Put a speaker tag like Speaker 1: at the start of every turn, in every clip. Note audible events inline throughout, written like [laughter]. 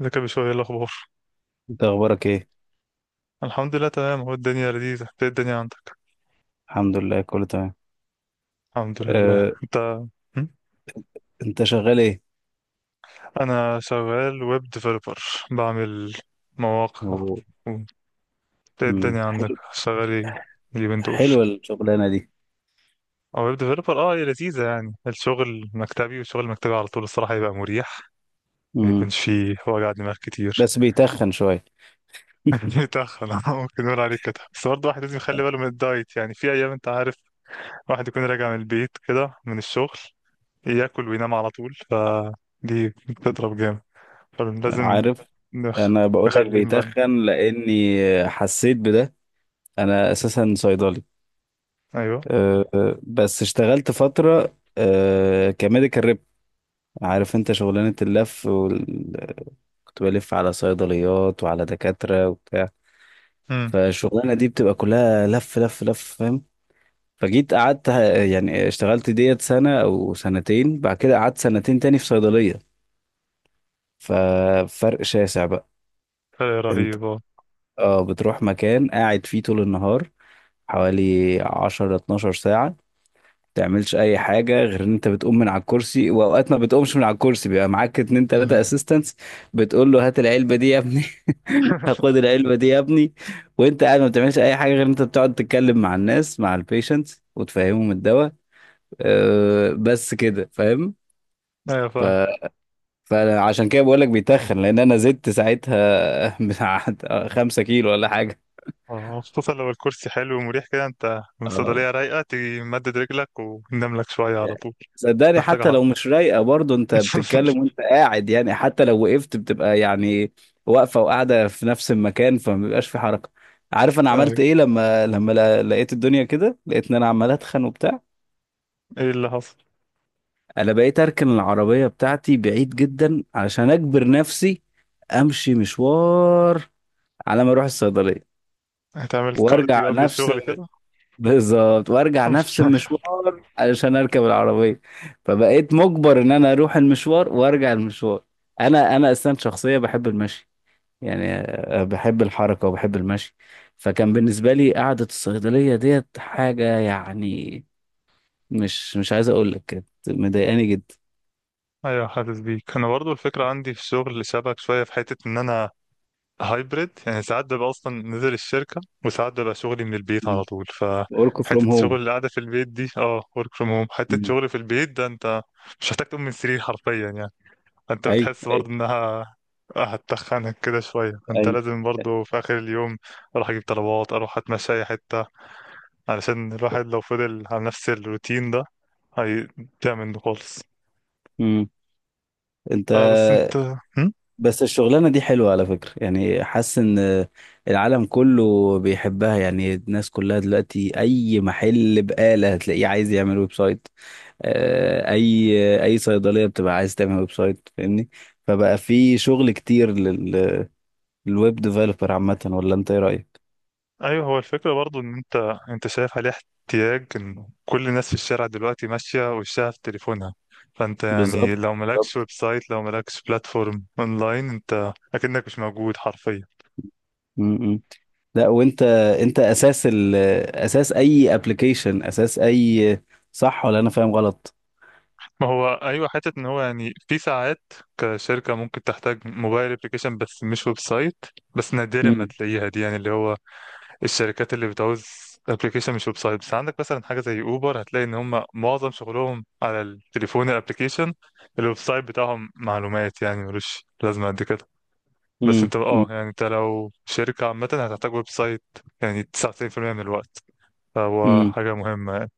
Speaker 1: ازيك يا بشوي؟ ايه الاخبار؟
Speaker 2: انت اخبارك ايه؟
Speaker 1: الحمد لله، تمام، اهو الدنيا لذيذه. إنت ايه الدنيا عندك؟
Speaker 2: الحمد لله، كله تمام.
Speaker 1: الحمد لله.
Speaker 2: أه.
Speaker 1: انت؟ م؟
Speaker 2: انت شغال ايه؟
Speaker 1: انا شغال ويب ديفلوبر، بعمل مواقع
Speaker 2: هو-
Speaker 1: و- ايه الدنيا عندك؟
Speaker 2: حلو.
Speaker 1: شغال ايه اليومين دول؟
Speaker 2: حلوه الشغلانه دي.
Speaker 1: او ويب ديفلوبر، اه هي لذيذه يعني. الشغل مكتبي، والشغل المكتبي على طول الصراحه يبقى مريح، ما
Speaker 2: مم.
Speaker 1: يكونش فيه وجع دماغ كتير.
Speaker 2: بس بيتخن شويه.
Speaker 1: [laughs]
Speaker 2: [laughs]
Speaker 1: بيتخن، آه، ممكن نقول عليه كده، بس برضه الواحد لازم يخلي باله من الدايت يعني. في ايام انت عارف واحد يكون راجع من البيت كده من الشغل، ياكل وينام على طول، فدي بتضرب جامد. فلازم
Speaker 2: عارف،
Speaker 1: نخ...
Speaker 2: انا بقول لك
Speaker 1: نخليه ينبان.
Speaker 2: بيتخن لاني حسيت بده. انا اساسا صيدلي.
Speaker 1: ايوه.
Speaker 2: أه، أه، بس اشتغلت فتره كميديكال ريب. عارف انت شغلانه اللف وال... كنت بلف على صيدليات وعلى دكاتره وبتاع.
Speaker 1: امم.
Speaker 2: فالشغلانه دي بتبقى كلها لف لف لف، فاهم. فجيت قعدت ه- يعني اشتغلت ديت سنة أو سنتين، بعد كده قعدت سنتين تاني في صيدلية. ففرق شاسع بقى.
Speaker 1: فرق
Speaker 2: انت
Speaker 1: رهيب اه.
Speaker 2: اه بتروح مكان قاعد فيه طول النهار حوالي 10 12 ساعة، تعملش أي حاجة غير إن أنت بتقوم من على الكرسي، وأوقات ما بتقومش من على الكرسي بيبقى معاك اتنين تلاتة
Speaker 1: أمم.
Speaker 2: أسيستنتس. بتقول له هات العلبة دي يا ابني. [laughs] هاخد
Speaker 1: [laughs]
Speaker 2: العلبة دي يا ابني. وأنت قاعد ما بتعملش أي حاجة غير إن أنت بتقعد تتكلم مع الناس، مع البيشنتس، وتفهمهم الدواء. بس كده فاهم.
Speaker 1: ايوه
Speaker 2: ف-
Speaker 1: فاهم.
Speaker 2: فانا عشان كده بقول لك بيتخن، لان انا زدت ساعتها [laughs] بتاع 5 كيلو ولا حاجه.
Speaker 1: اه، خصوصا لو الكرسي حلو ومريح كده، انت من
Speaker 2: اه
Speaker 1: الصيدلية رايقة، تيجي مدد رجلك وننام لك شوية على طول.
Speaker 2: صدقني
Speaker 1: محتاجة
Speaker 2: حتى
Speaker 1: حر.
Speaker 2: لو مش رايقه، برضه انت بتتكلم
Speaker 1: [laughs]
Speaker 2: وانت قاعد، يعني حتى لو وقفت بتبقى يعني واقفه وقاعده في نفس المكان، فما بيبقاش في حركه. عارف انا
Speaker 1: ايوه.
Speaker 2: عملت ايه لما لقيت الدنيا كده، لقيت ان انا عمال اتخن وبتاع.
Speaker 1: ايه اللي حصل؟
Speaker 2: انا بقيت اركن العربيه بتاعتي بعيد جدا عشان اجبر نفسي امشي مشوار على ما اروح الصيدليه.
Speaker 1: هتعمل
Speaker 2: وارجع
Speaker 1: كارديو قبل
Speaker 2: نفس
Speaker 1: الشغل
Speaker 2: الم-
Speaker 1: كده؟
Speaker 2: بالظبط وارجع نفس
Speaker 1: [laughs]
Speaker 2: المشوار علشان اركب العربيه. فبقيت مجبر ان انا اروح المشوار وارجع المشوار. انا اصلا شخصيه بحب المشي. يعني بحب الحركه وبحب المشي. فكان بالنسبه لي قعده الصيدليه ديت حاجه، يعني مش عايز اقول لك كانت مضايقاني جدا.
Speaker 1: ايوه حاسس بيك. انا برضو الفكرة عندي في الشغل شبك شوية، في حتة ان انا هايبريد يعني. ساعات ببقى اصلا نزل الشركه، وساعات ببقى شغلي من البيت على طول.
Speaker 2: ورك فروم
Speaker 1: فحته
Speaker 2: هوم.
Speaker 1: شغل القعده في البيت دي، اه، ورك فروم هوم، حته شغل في البيت ده، انت مش محتاج تقوم من السرير حرفيا يعني. انت
Speaker 2: ايوه،
Speaker 1: بتحس
Speaker 2: ايوه،
Speaker 1: برضه انها هتتخنك كده شويه. انت
Speaker 2: ايوه.
Speaker 1: لازم برضه في اخر اليوم اروح اجيب طلبات، اروح اتمشى اي حته، علشان الواحد لو فضل على نفس الروتين ده هيضيع منه خالص.
Speaker 2: مم. انت،
Speaker 1: آه بس انت هم؟
Speaker 2: بس الشغلانة دي حلوة على فكرة، يعني حاسس ان العالم كله بيحبها، يعني الناس كلها دلوقتي اي محل بقالة هتلاقيه عايز يعمل ويب سايت. اي صيدلية بتبقى عايز تعمل ويب سايت، فاهمني. فبقى في شغل كتير للويب ديفلوبر عامة، ولا انت ايه رأيك؟
Speaker 1: ايوه. هو الفكره برضو ان انت شايف عليه احتياج، ان كل الناس في الشارع دلوقتي ماشيه وشها في تليفونها، فانت يعني
Speaker 2: بالظبط،
Speaker 1: لو مالكش
Speaker 2: بالظبط.
Speaker 1: ويب سايت، لو مالكش بلاتفورم اونلاين، انت اكنك مش موجود حرفيا.
Speaker 2: م. لا، وانت انت اساس ال اساس اي ابلكيشن اساس اي، صح ولا انا فاهم غلط؟
Speaker 1: ما هو ايوه. حته ان هو يعني، في ساعات كشركه ممكن تحتاج موبايل ابلكيشن بس مش ويب سايت، بس نادرا ما
Speaker 2: امم،
Speaker 1: تلاقيها دي يعني. اللي هو الشركات اللي بتعوز ابلكيشن مش ويب سايت. بس عندك مثلا حاجه زي اوبر، هتلاقي ان هم معظم شغلهم على التليفون، الابلكيشن. الويب سايت بتاعهم معلومات يعني، ملوش لازمه قد كده. بس انت اه يعني انت لو شركه عامه هتحتاج ويب سايت، يعني 99% من الوقت. فهو
Speaker 2: امم.
Speaker 1: حاجه مهمه يعني.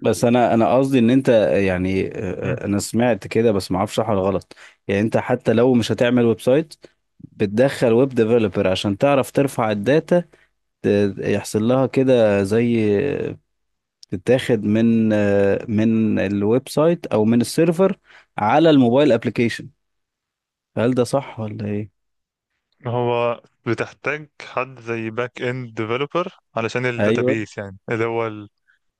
Speaker 2: بس انا قصدي ان انت، يعني
Speaker 1: مم.
Speaker 2: انا سمعت كده بس ما اعرفش صح ولا غلط. يعني انت حتى لو مش هتعمل ويب سايت، بتدخل ويب ديفلوبر عشان تعرف ترفع الداتا، يحصل لها كده زي آه، تتاخد من من الويب سايت او من السيرفر على الموبايل ابلكيشن. هل ده صح ولا ايه؟
Speaker 1: هو بتحتاج حد زي باك اند ديفلوبر علشان
Speaker 2: ايوه،
Speaker 1: الداتابيس، يعني اللي هو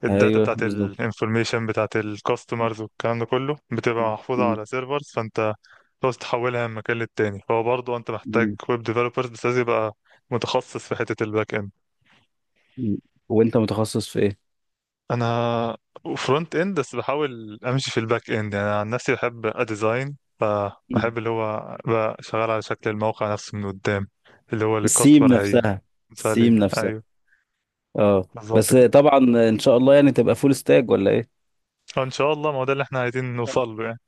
Speaker 1: الداتا
Speaker 2: ايوه،
Speaker 1: بتاعت
Speaker 2: بالظبط.
Speaker 1: الانفورميشن بتاعت الكاستمرز والكلام ده كله، بتبقى
Speaker 2: م-
Speaker 1: محفوظة
Speaker 2: م-
Speaker 1: على سيرفرز. فانت بس تحولها من مكان للتاني، فهو برضه انت محتاج
Speaker 2: م-
Speaker 1: ويب ديفلوبرز، بس لازم يبقى متخصص في حتة الباك اند.
Speaker 2: م. وانت متخصص في ايه؟
Speaker 1: انا فرونت اند، بس بحاول امشي في الباك اند يعني. انا عن نفسي بحب اديزاين،
Speaker 2: م.
Speaker 1: فبحب اللي هو بقى شغال على شكل الموقع نفسه من قدام، اللي هو اللي
Speaker 2: السيم
Speaker 1: الكاستمر هي.
Speaker 2: نفسها، السيم
Speaker 1: مثالي،
Speaker 2: نفسها.
Speaker 1: ايوه.
Speaker 2: اه،
Speaker 1: بالظبط
Speaker 2: بس
Speaker 1: كده،
Speaker 2: طبعا ان شاء الله يعني تبقى فول ستاج ولا ايه.
Speaker 1: ان شاء الله. ما هو ده اللي احنا عايزين نوصل له يعني.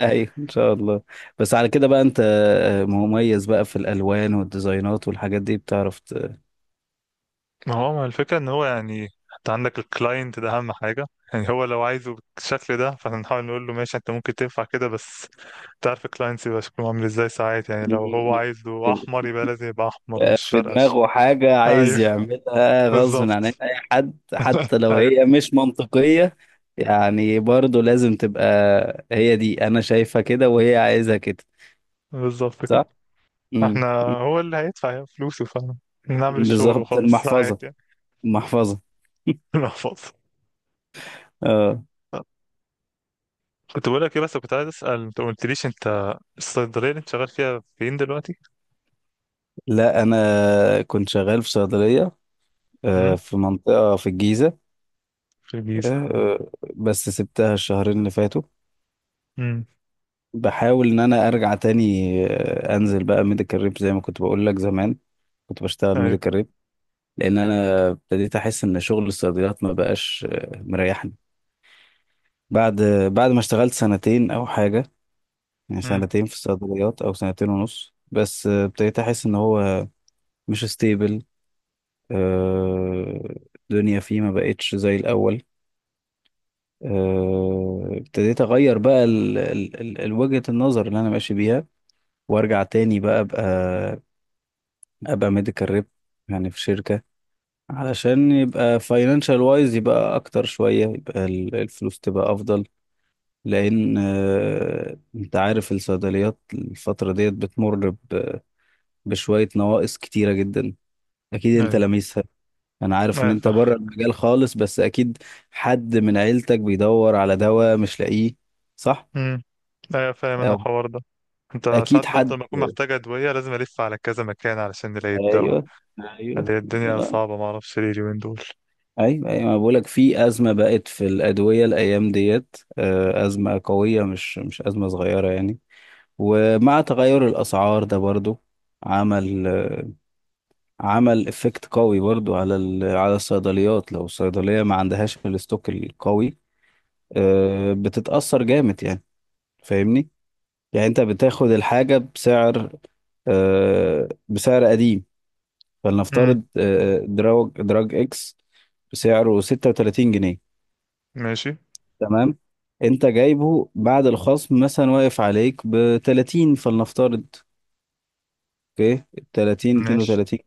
Speaker 2: ايوه، ان شاء الله. بس على كده بقى انت، مميز بقى في الالوان والديزاينات والحاجات دي، بتعرف [laughs]
Speaker 1: ما هو ما الفكرة ان هو يعني انت عندك الكلاينت ده اهم حاجة يعني. هو لو عايزه بالشكل ده فاحنا نحاول نقول له ماشي، انت ممكن تنفع كده، بس تعرف الكلاينت يبقى شكله عامل ازاي. ساعات يعني لو هو عايزه
Speaker 2: بيبقى
Speaker 1: احمر يبقى لازم يبقى احمر، مش
Speaker 2: في
Speaker 1: فرقش.
Speaker 2: دماغه حاجة عايز
Speaker 1: ايوه.
Speaker 2: يعملها غصب
Speaker 1: بالظبط.
Speaker 2: عن اي حد، حتى
Speaker 1: [laughs]
Speaker 2: لو
Speaker 1: ايوه
Speaker 2: هي مش منطقية. يعني برضه لازم تبقى، هي دي انا شايفها كده وهي عايزها كده،
Speaker 1: بالظبط
Speaker 2: صح؟
Speaker 1: كده.
Speaker 2: امم.
Speaker 1: احنا هو اللي هيدفع يعني فلوسه، فنعمل الشغل
Speaker 2: بالظبط،
Speaker 1: وخلاص
Speaker 2: المحفظة،
Speaker 1: ساعات يعني.
Speaker 2: المحفظة.
Speaker 1: [laughs] نحفظ.
Speaker 2: اه.
Speaker 1: كنت بقول لك ايه؟ بس كنت عايز اسال، انت ما قلتليش، انت الصيدليه اللي انت شغال فيها فين دلوقتي؟
Speaker 2: لا، انا كنت شغال في صيدليه
Speaker 1: امم.
Speaker 2: في منطقه في الجيزه.
Speaker 1: في الجيزه.
Speaker 2: بس سبتها الشهرين اللي فاتوا.
Speaker 1: امم.
Speaker 2: بحاول ان انا ارجع تاني، انزل بقى ميديكال ريب زي ما كنت بقول لك زمان. كنت بشتغل ميديكال ريب. لان انا ابتديت احس ان شغل الصيدليات ما بقاش مريحني. بعد بعد ما اشتغلت سنتين او حاجه، يعني
Speaker 1: امم.
Speaker 2: سنتين في الصيدليات او سنتين ونص، بس ابتديت احس ان هو مش ستيبل. الدنيا فيه ما بقتش زي الاول. ابتديت اغير بقى وجهة النظر اللي انا ماشي بيها. وارجع تاني بقى ابقى ميديكال ريب، يعني في شركة علشان يبقى فاينانشال وايز، يبقى اكتر شوية، يبقى الفلوس تبقى افضل. لان انت عارف الصيدليات الفترة ديت بتمر بشوية نواقص كتيرة جدا. اكيد انت
Speaker 1: ايوه.
Speaker 2: لميسها. انا عارف ان
Speaker 1: ايوه
Speaker 2: انت
Speaker 1: فاهم.
Speaker 2: بره المجال خالص، بس اكيد حد من عيلتك بيدور على دواء مش لاقيه، صح؟
Speaker 1: امم. ايوه فاهم انا الحوار ده. انت
Speaker 2: اكيد
Speaker 1: ساعات برضه
Speaker 2: حد.
Speaker 1: لما اكون محتاج ادويه لازم الف على كذا مكان علشان نلاقي الدواء.
Speaker 2: ايوه، ايوه،
Speaker 1: اللي هي الدنيا
Speaker 2: ايوه،
Speaker 1: صعبه، ما اعرفش ليه اليومين دول.
Speaker 2: ايوه. انا بقول لك في ازمه بقت في الادويه الايام ديت، ازمه قويه، مش ازمه صغيره يعني. ومع تغير الاسعار ده برضو عمل آه، عمل افكت قوي برضو على على الصيدليات، لو الصيدليه ما عندهاش الاستوك القوي. بتتاثر جامد يعني. فاهمني. يعني انت بتاخد الحاجه بسعر قديم.
Speaker 1: امم.
Speaker 2: فلنفترض دراج اكس بسعره 36 جنيه.
Speaker 1: ماشي.
Speaker 2: تمام. انت جايبه بعد الخصم مثلا واقف عليك ب 30، فلنفترض، اوكي، 30
Speaker 1: ماشي.
Speaker 2: 32،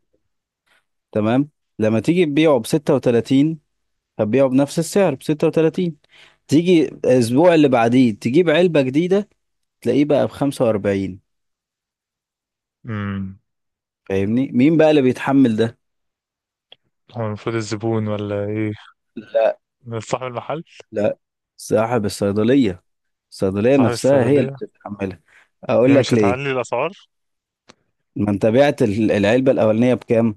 Speaker 2: تمام. لما تيجي تبيعه ب 36، هتبيعه بنفس السعر ب 36. تيجي الاسبوع اللي بعديه تجيب علبة جديدة، تلاقيه بقى ب 45،
Speaker 1: امم.
Speaker 2: فاهمني. مين بقى اللي بيتحمل ده؟
Speaker 1: هو المفروض الزبون ولا ايه؟
Speaker 2: لا،
Speaker 1: صاحب المحل.
Speaker 2: لا، صاحب الصيدلية. الصيدلية
Speaker 1: صاحب
Speaker 2: نفسها هي اللي
Speaker 1: الصيدليه.
Speaker 2: بتتحملها. اقول
Speaker 1: ايه
Speaker 2: لك
Speaker 1: مش هتعلي
Speaker 2: ليه،
Speaker 1: الاسعار؟
Speaker 2: ما انت بعت العلبة الأولانية بكام؟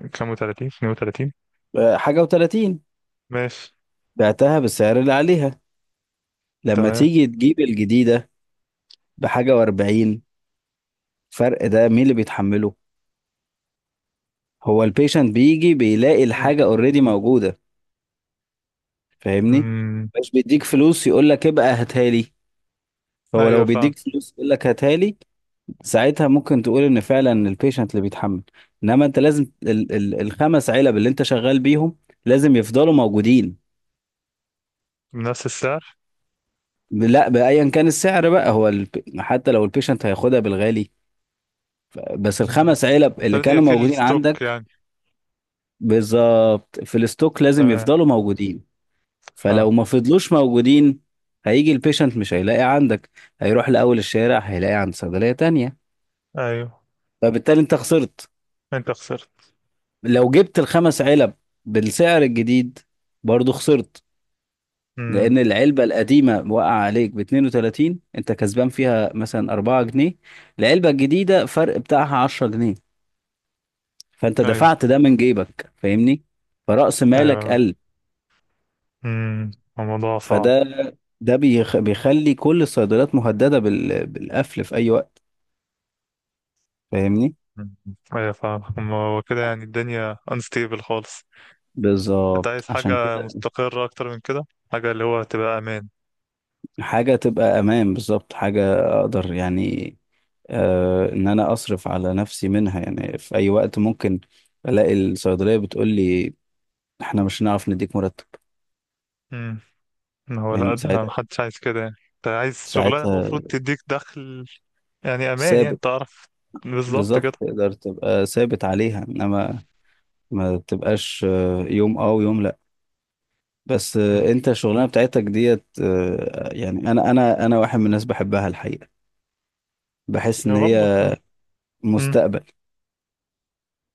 Speaker 1: بكام؟ و30، 32.
Speaker 2: حاجة وتلاتين.
Speaker 1: ماشي.
Speaker 2: بعتها بالسعر اللي عليها، لما
Speaker 1: تمام.
Speaker 2: تيجي تجيب الجديدة بحاجة وأربعين. الفرق ده مين اللي بيتحمله؟ هو البيشنت بيجي بيلاقي
Speaker 1: امم.
Speaker 2: الحاجة اوريدي موجودة، فاهمني؟
Speaker 1: امم.
Speaker 2: مش بيديك فلوس يقول لك ابقى هاتها لي، فهو
Speaker 1: ايوه
Speaker 2: لو
Speaker 1: فاهم.
Speaker 2: بيديك فلوس يقول لك هاتها لي، ساعتها ممكن تقول ان فعلا البيشنت اللي بيتحمل، انما انت لازم ال ال الخمس علب اللي انت شغال بيهم لازم يفضلوا موجودين.
Speaker 1: بنفس السعر.
Speaker 2: لا، بأيا كان السعر بقى، هو حتى لو البيشنت هياخدها بالغالي. بس
Speaker 1: امم.
Speaker 2: الخمس علب اللي
Speaker 1: لازم يبقى
Speaker 2: كانوا
Speaker 1: في
Speaker 2: موجودين
Speaker 1: الستوك
Speaker 2: عندك.
Speaker 1: يعني.
Speaker 2: بالظبط، في الستوك لازم
Speaker 1: تمام.
Speaker 2: يفضلوا موجودين. فلو
Speaker 1: فاهم.
Speaker 2: ما فضلوش موجودين، هيجي البيشنت مش هيلاقي عندك، هيروح لأول الشارع هيلاقي عند صيدلية تانية.
Speaker 1: ايوه.
Speaker 2: فبالتالي انت خسرت.
Speaker 1: انت خسرت.
Speaker 2: لو جبت الخمس علب بالسعر الجديد، برضو خسرت.
Speaker 1: امم.
Speaker 2: لأن العلبة القديمة وقع عليك ب 32، انت كسبان فيها مثلا 4 جنيه. العلبة الجديدة فرق بتاعها 10 جنيه، فانت
Speaker 1: ايوه.
Speaker 2: دفعت ده من جيبك، فاهمني. فرأس مالك
Speaker 1: ايوه.
Speaker 2: قل.
Speaker 1: امم. الموضوع صعب.
Speaker 2: فده ده بيخلي كل الصيدليات مهددة بالقفل في اي وقت، فاهمني.
Speaker 1: مم. ايوه فاهم. أما هو كده، يعني الدنيا unstable خالص. انت
Speaker 2: بالظبط،
Speaker 1: عايز
Speaker 2: عشان
Speaker 1: حاجة
Speaker 2: كده.
Speaker 1: مستقرة اكتر من كده، حاجة اللي هو تبقى امان.
Speaker 2: حاجة تبقى امان، بالظبط، حاجة اقدر يعني ان انا اصرف على نفسي منها، يعني في اي وقت ممكن الاقي الصيدلية بتقول لي احنا مش هنعرف نديك مرتب.
Speaker 1: امم. هو لا،
Speaker 2: يعني
Speaker 1: ده
Speaker 2: ساعتها
Speaker 1: محدش عايز كده يعني. انت عايز شغلانة
Speaker 2: ساعتها
Speaker 1: المفروض تديك دخل، يعني امان، يعني
Speaker 2: ثابت.
Speaker 1: تعرف. بالظبط كده.
Speaker 2: بالظبط، تقدر تبقى ثابت عليها، انما ما تبقاش يوم ويوم لا. بس
Speaker 1: امم.
Speaker 2: انت الشغلانه بتاعتك ديت يعني انا واحد من الناس بحبها الحقيقه. بحس ان
Speaker 1: هو برضه
Speaker 2: هي
Speaker 1: حلو. امم.
Speaker 2: مستقبل.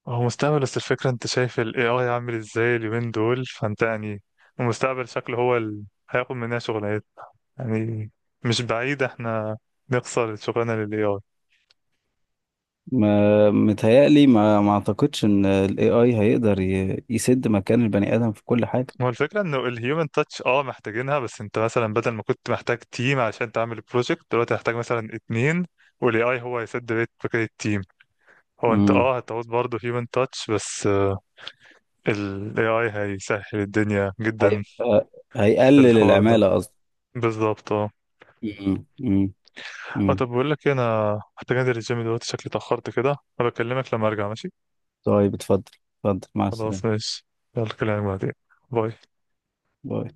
Speaker 1: هو مستقبل، بس الفكرة انت شايف ال AI عامل ازاي اليومين دول، فانت يعني المستقبل شكله هو اللي هياخد مننا شغلانات يعني. مش بعيد احنا نخسر شغلنا للاي اي.
Speaker 2: ما متهيألي ما اعتقدش ان ال AI هيقدر يسد مكان البني ادم في كل حاجه.
Speaker 1: هو الفكره انه الهيومن تاتش اه محتاجينها، بس انت مثلا بدل ما كنت محتاج تيم عشان تعمل بروجكت، دلوقتي هتحتاج مثلا اتنين، والاي اي هو هيسد بيت فكره التيم. هو انت
Speaker 2: امم.
Speaker 1: اه هتعوز برضه هيومن تاتش، بس الاي اي هيسهل الدنيا جدا
Speaker 2: هيبقى،
Speaker 1: في
Speaker 2: هيقلل
Speaker 1: الحوار ده.
Speaker 2: العماله قصدي.
Speaker 1: بالظبط اه.
Speaker 2: امم، امم.
Speaker 1: اه،
Speaker 2: أمم.
Speaker 1: طب بقول لك إيه، انا محتاج انزل الجيم دلوقتي، شكلي اتاخرت كده. هبكلمك لما ارجع، ماشي؟
Speaker 2: طيب، اتفضل، اتفضل، مع
Speaker 1: خلاص
Speaker 2: السلامه،
Speaker 1: ماشي. يلا كلامك بعدين. باي.
Speaker 2: باي.